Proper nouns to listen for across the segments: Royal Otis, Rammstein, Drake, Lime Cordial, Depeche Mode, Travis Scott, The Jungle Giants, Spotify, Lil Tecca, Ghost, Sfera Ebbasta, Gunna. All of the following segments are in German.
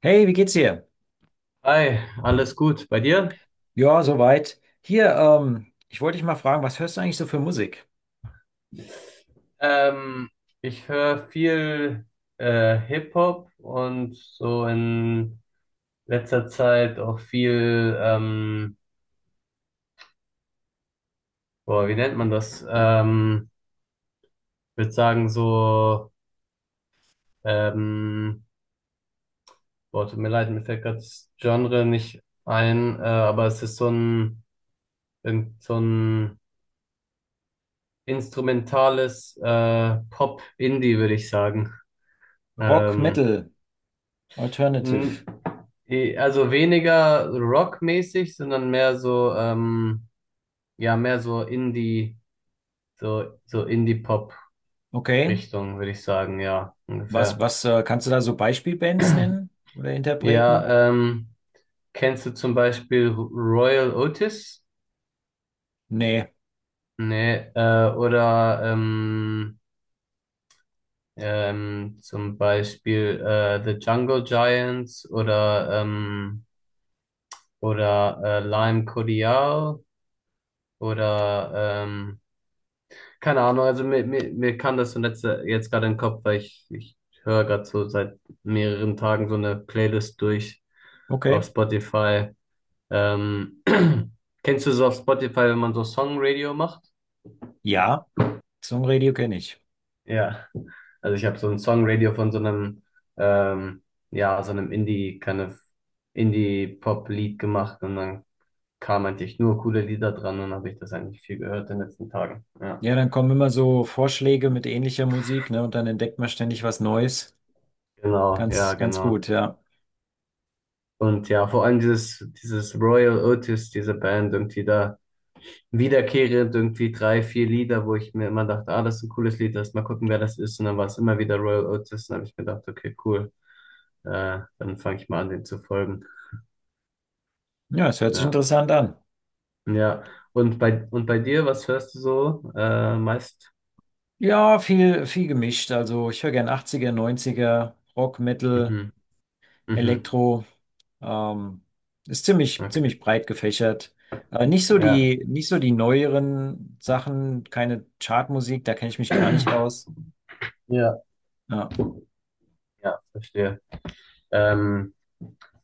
Hey, wie geht's dir? Hi, alles gut bei dir? Ja, soweit. Hier, ich wollte dich mal fragen, was hörst du eigentlich so für Musik? Ähm, Ich höre viel Hip-Hop und so in letzter Zeit auch viel, boah, wie nennt man das? Ich würde sagen so, ähm, boah, tut mir leid, mir fällt gerade das Genre nicht ein, aber es ist so ein, irgend so ein instrumentales Pop-Indie, würde ich sagen. Rock, Ähm, Metal, N- Alternative. Also weniger rockmäßig, sondern mehr so, ja, mehr so Indie, so Indie-Pop-Richtung, Okay. würde ich sagen, ja, Was, ungefähr. was, äh, kannst du da so Beispielbands nennen oder Interpreten? Ja, kennst du zum Beispiel Royal Otis? Nee. Nee, oder zum Beispiel The Jungle Giants oder Lime Cordial oder keine Ahnung, also mir kam das so letzte, jetzt gerade in den Kopf, weil ich höre gerade so seit mehreren Tagen so eine Playlist durch auf Okay. Spotify. Ähm, Kennst du so auf Spotify, wenn man so Songradio macht? Ja, Songradio kenne ich. Ja. Also ich habe so ein Songradio von so einem, ähm, ja, so einem Indie, kind of Indie-Pop-Lied gemacht und dann kamen eigentlich nur coole Lieder dran und habe ich das eigentlich viel gehört in den letzten Tagen. Ja. Ja, dann kommen immer so Vorschläge mit ähnlicher Musik, ne? Und dann entdeckt man ständig was Neues. Genau, ja, Ganz, ganz genau. gut, ja. Und ja, vor allem dieses Royal Otis, diese Band, irgendwie da wiederkehrend irgendwie drei, vier Lieder, wo ich mir immer dachte, ah, das ist ein cooles Lied, lass mal gucken, wer das ist. Und dann war es immer wieder Royal Otis. Und dann habe ich mir gedacht, okay, cool, dann fange ich mal an, den zu folgen. Ja, es hört sich Ja, interessant an. ja. Und bei dir, was hörst du so meist? Ja, viel, viel gemischt. Also ich höre gern 80er, 90er, Rock, Metal. Mhm. Mhm. Elektro. Ähm, Ist ziemlich, Okay. ziemlich breit gefächert. Äh, nicht so Ja. die, nicht so die neueren Sachen, keine Chartmusik, da kenne ich mich gar nicht aus. Ja. Ja. Ja, verstehe. Ähm,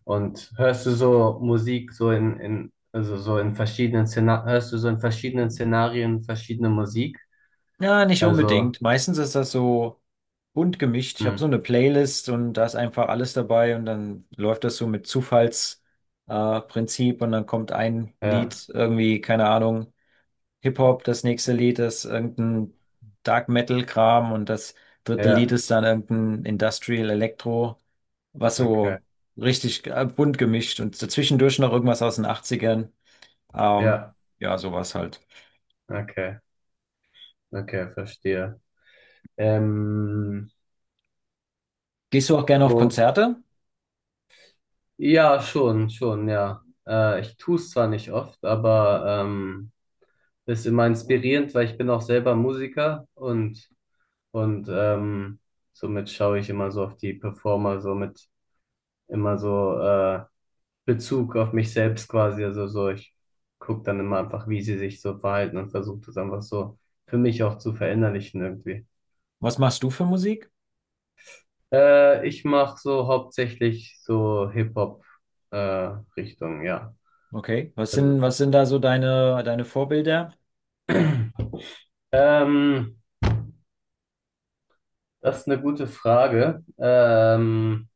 Und hörst du so Musik so in also so in verschiedenen Szenarien, hörst du so in verschiedenen Szenarien verschiedene Musik? Ja, nicht Also, unbedingt. Meistens ist das so bunt gemischt. Ich habe hm, so eine Playlist und da ist einfach alles dabei und dann läuft das so mit Zufallsprinzip Prinzip, und dann kommt ein ja, Lied irgendwie, keine Ahnung. Hip-Hop, das nächste Lied ist irgendein Dark Metal-Kram und das dritte Lied ja, ist dann irgendein Industrial Electro, was okay, so richtig bunt gemischt und zwischendurch noch irgendwas aus den Achtzigern. Ähm, ja, ja, sowas halt. okay, okay, verstehe. Ähm, Gehst du auch gerne auf wo, Konzerte? ja, schon, schon, ja. Ich tue es zwar nicht oft, aber ist immer inspirierend, weil ich bin auch selber Musiker und somit schaue ich immer so auf die Performer, somit immer so Bezug auf mich selbst quasi. Also so, ich gucke dann immer einfach, wie sie sich so verhalten und versuche das einfach so für mich auch zu verinnerlichen irgendwie. Was machst du für Musik? Ich mache so hauptsächlich so Hip-Hop-Richtung, ja. Okay. Was Also, sind, was sind da so deine Vorbilder? ähm, das ist eine gute Frage.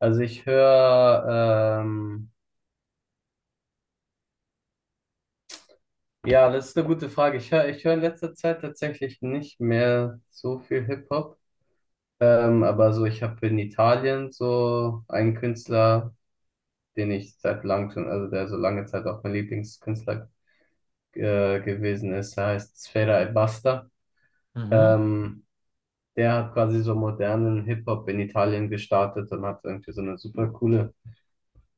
Also ich höre, ja, das ist eine gute Frage. Ich höre in letzter Zeit tatsächlich nicht mehr so viel Hip-Hop. Aber so, ich habe in Italien so einen Künstler, den ich seit langem schon, also der so lange Zeit auch mein Lieblingskünstler gewesen ist. Er heißt Sfera Ebbasta. Mhm. Ähm, Der hat quasi so modernen Hip-Hop in Italien gestartet und hat irgendwie so eine super coole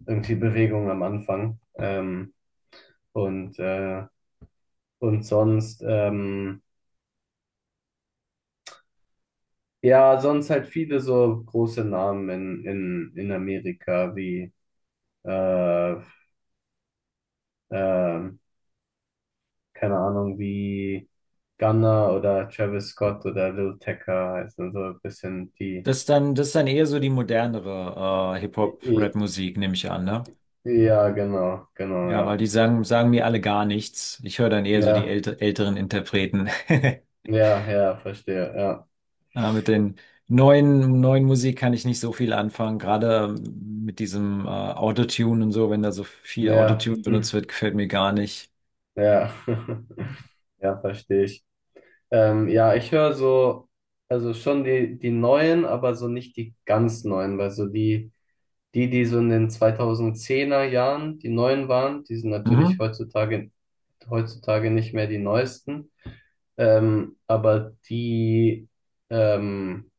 irgendwie Bewegung am Anfang. Und, äh, und sonst, ja, sonst halt viele so große Namen in Amerika wie äh, ähm, keine Ahnung, wie Gunna oder Travis Scott oder Lil Tecca heißen, so ein bisschen die. Das ist dann eher so die modernere I- I- Hip-Hop-Rap-Musik, nehme ich an, ne? Ja, genau, genau, Ja, weil ja. die sagen mir alle gar nichts. Ich höre dann eher so die Ja, älteren Interpreten. ja, ja, verstehe, ja. Mit den neuen Musik kann ich nicht so viel anfangen. Gerade mit diesem Autotune und so, wenn da so viel Ja, Autotune benutzt hm, wird, gefällt mir gar nicht. ja, ja, verstehe ich. Ja, ich höre so, also schon die, die neuen, aber so nicht die ganz neuen, weil so die, die so in den 2010er Jahren die neuen waren, die sind natürlich Mhm. heutzutage, heutzutage nicht mehr die neuesten. ähm, aber die ähm,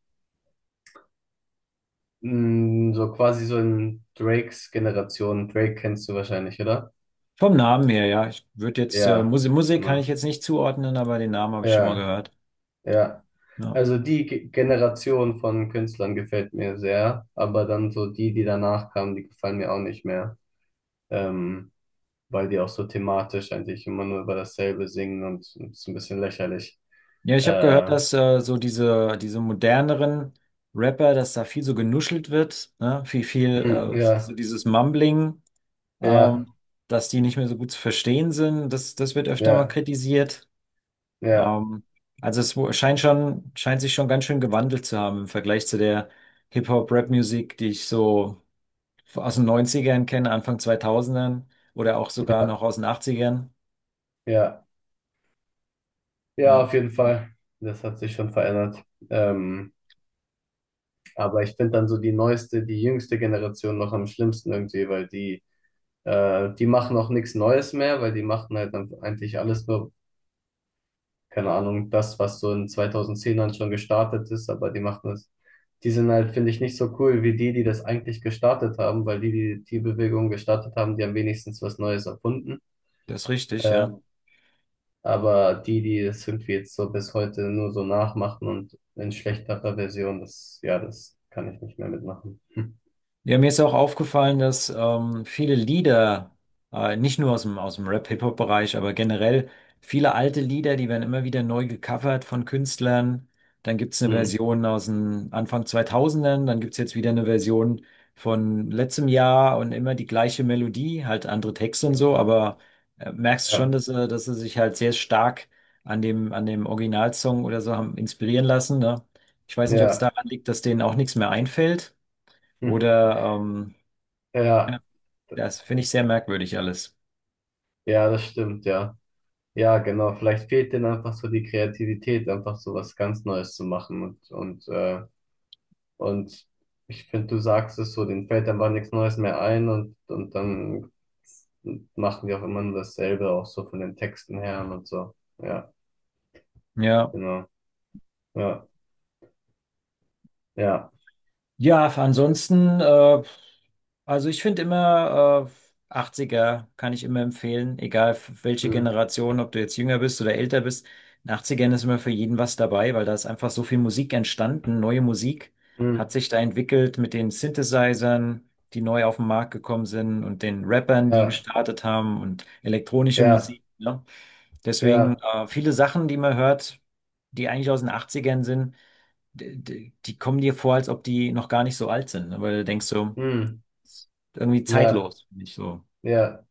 so quasi so in Drakes Generation, Drake kennst du wahrscheinlich, oder? Vom Namen her, ja. Ich würde jetzt, Ja, Musik kann ich genau. jetzt nicht zuordnen, aber den Namen habe ich schon mal Ja, gehört. ja. Ja, Also die Generation von Künstlern gefällt mir sehr, aber dann so die, die danach kamen, die gefallen mir auch nicht mehr, ähm, weil die auch so thematisch eigentlich immer nur über dasselbe singen und es ist ein bisschen lächerlich. ja, ich habe gehört, Äh, dass so diese moderneren Rapper, dass da viel so genuschelt wird, ne? Viel, viel so ja, dieses Mumbling. ja, ähm, dass die nicht mehr so gut zu verstehen sind. Das wird öfter mal ja, kritisiert. ja, Ähm, also es wo- scheint schon, scheint sich schon ganz schön gewandelt zu haben im Vergleich zu der Hip-Hop-Rap-Musik, die ich so aus den Neunzigern kenne, Anfang zweitausendern oder auch sogar noch ja, aus den Achtzigern. ja. Ja, Ja, auf jeden Fall. Das hat sich schon verändert. Ähm, aber ich finde dann so die neueste, die jüngste Generation noch am schlimmsten irgendwie, weil die, die machen auch nichts Neues mehr, weil die machen halt dann eigentlich alles nur, keine Ahnung, das, was so in 2010ern schon gestartet ist, aber die machen das, die sind halt, finde ich, nicht so cool wie die, die das eigentlich gestartet haben, weil die, die die Bewegung gestartet haben, die haben wenigstens was Neues erfunden. das ist richtig, Äh, ja. Aber die, die das irgendwie jetzt so bis heute nur so nachmachen und in schlechterer Version, das, ja, das kann ich nicht mehr mitmachen. Hm. Ja, mir ist auch aufgefallen, dass viele Lieder, nicht nur aus dem Rap-Hip-Hop-Bereich, aber generell viele alte Lieder, die werden immer wieder neu gecovert von Künstlern. Dann gibt es eine Hm. Version aus den Anfang 2000. Dann gibt es jetzt wieder eine Version von letztem Jahr und immer die gleiche Melodie, halt andere Texte und so, Ja, aber merkst schon, ja, dass sie sich halt sehr stark an dem Originalsong oder so haben inspirieren lassen, ne? Ich weiß nicht, ob es ja. daran liegt, dass denen auch nichts mehr einfällt. Hm. Oder Ja, D- das finde ich sehr merkwürdig alles. ja, das stimmt, ja. Ja, genau. Vielleicht fehlt denen einfach so die Kreativität, einfach so was ganz Neues zu machen. Und ich finde, du sagst es so, denen fällt einfach nichts Neues mehr ein und dann machen die auch immer nur dasselbe, auch so von den Texten her und so. Ja, Ja. genau. Ja. Ja. Ja, ansonsten also ich finde immer, 80er kann ich immer empfehlen, egal welche Hm. Generation, ob du jetzt jünger bist oder älter bist. In 80ern ist immer für jeden was dabei, weil da ist einfach so viel Musik entstanden, neue Musik Hm. hat sich da entwickelt mit den Synthesizern, die neu auf den Markt gekommen sind, und den Rappern, die Ja. gestartet haben, und elektronische Ja. Musik. Ne? Deswegen Ja. Viele Sachen, die man hört, die eigentlich aus den 80ern sind, die kommen dir vor, als ob die noch gar nicht so alt sind, ne? Weil du denkst so, Hm. ist irgendwie Ja. zeitlos, finde ich so. Ja.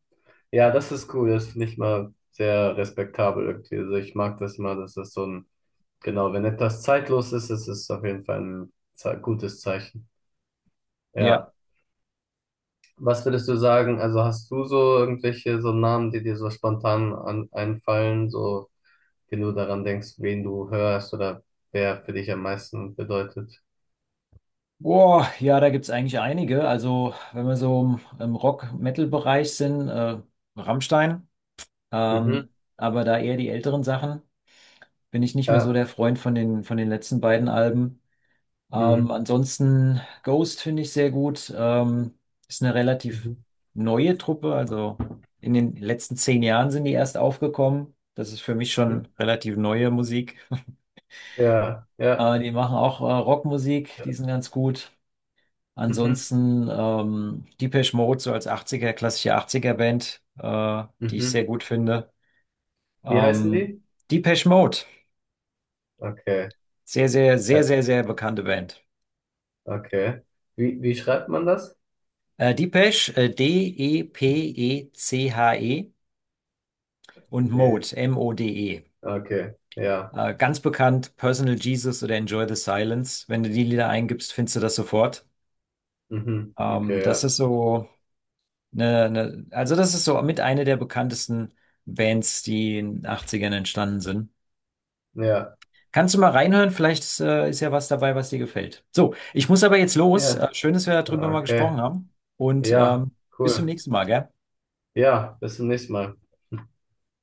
Ja, das ist cool. Das finde ich mal sehr respektabel irgendwie. Also ich mag das mal, dass das so ein, genau, wenn etwas zeitlos ist, ist es auf jeden Fall ein ze gutes Zeichen. Ja. Ja. Was würdest du sagen? Also hast du so irgendwelche so Namen, die dir so spontan einfallen, so wenn du daran denkst, wen du hörst oder wer für dich am meisten bedeutet? Boah, ja, da gibt's eigentlich einige. Also, wenn wir so im Rock-Metal-Bereich sind, Rammstein, Mhm. ähm, aber da eher die älteren Sachen, bin ich nicht mehr so Ja. der Freund von den letzten beiden Alben. Mhm. Ansonsten Ghost finde ich sehr gut. Ist eine relativ Mhm. neue Truppe, also in den letzten 10 Jahren sind die erst aufgekommen. Das ist für mich Mhm. schon relativ neue Musik. Ja, ja. Die machen auch Rockmusik, die sind ganz gut. Mhm, Ansonsten Depeche Mode, so als 80er, klassische 80er-Band, die ich mhm. sehr gut finde. Wie heißen Ähm, die? Depeche Mode, Okay, sehr, sehr, sehr, äh, sehr, sehr bekannte Band. okay. Wie, wie schreibt man das? Depeche, Depeche, und Okay, Mode, Mode. okay, ja. Ganz bekannt, Personal Jesus oder Enjoy the Silence. Wenn du die Lieder eingibst, findest du das sofort. Mhm, okay, Das ja. ist so. Ne, ne, also das ist so mit einer der bekanntesten Bands, die in den Achtzigern entstanden sind. Ja, Kannst du mal reinhören? Vielleicht ist ja was dabei, was dir gefällt. So, ich muss aber jetzt los. Ja. Schön, dass wir darüber mal Okay, gesprochen haben. Und ja, bis zum cool. nächsten Mal, gell? Ja, bis zum nächsten Mal.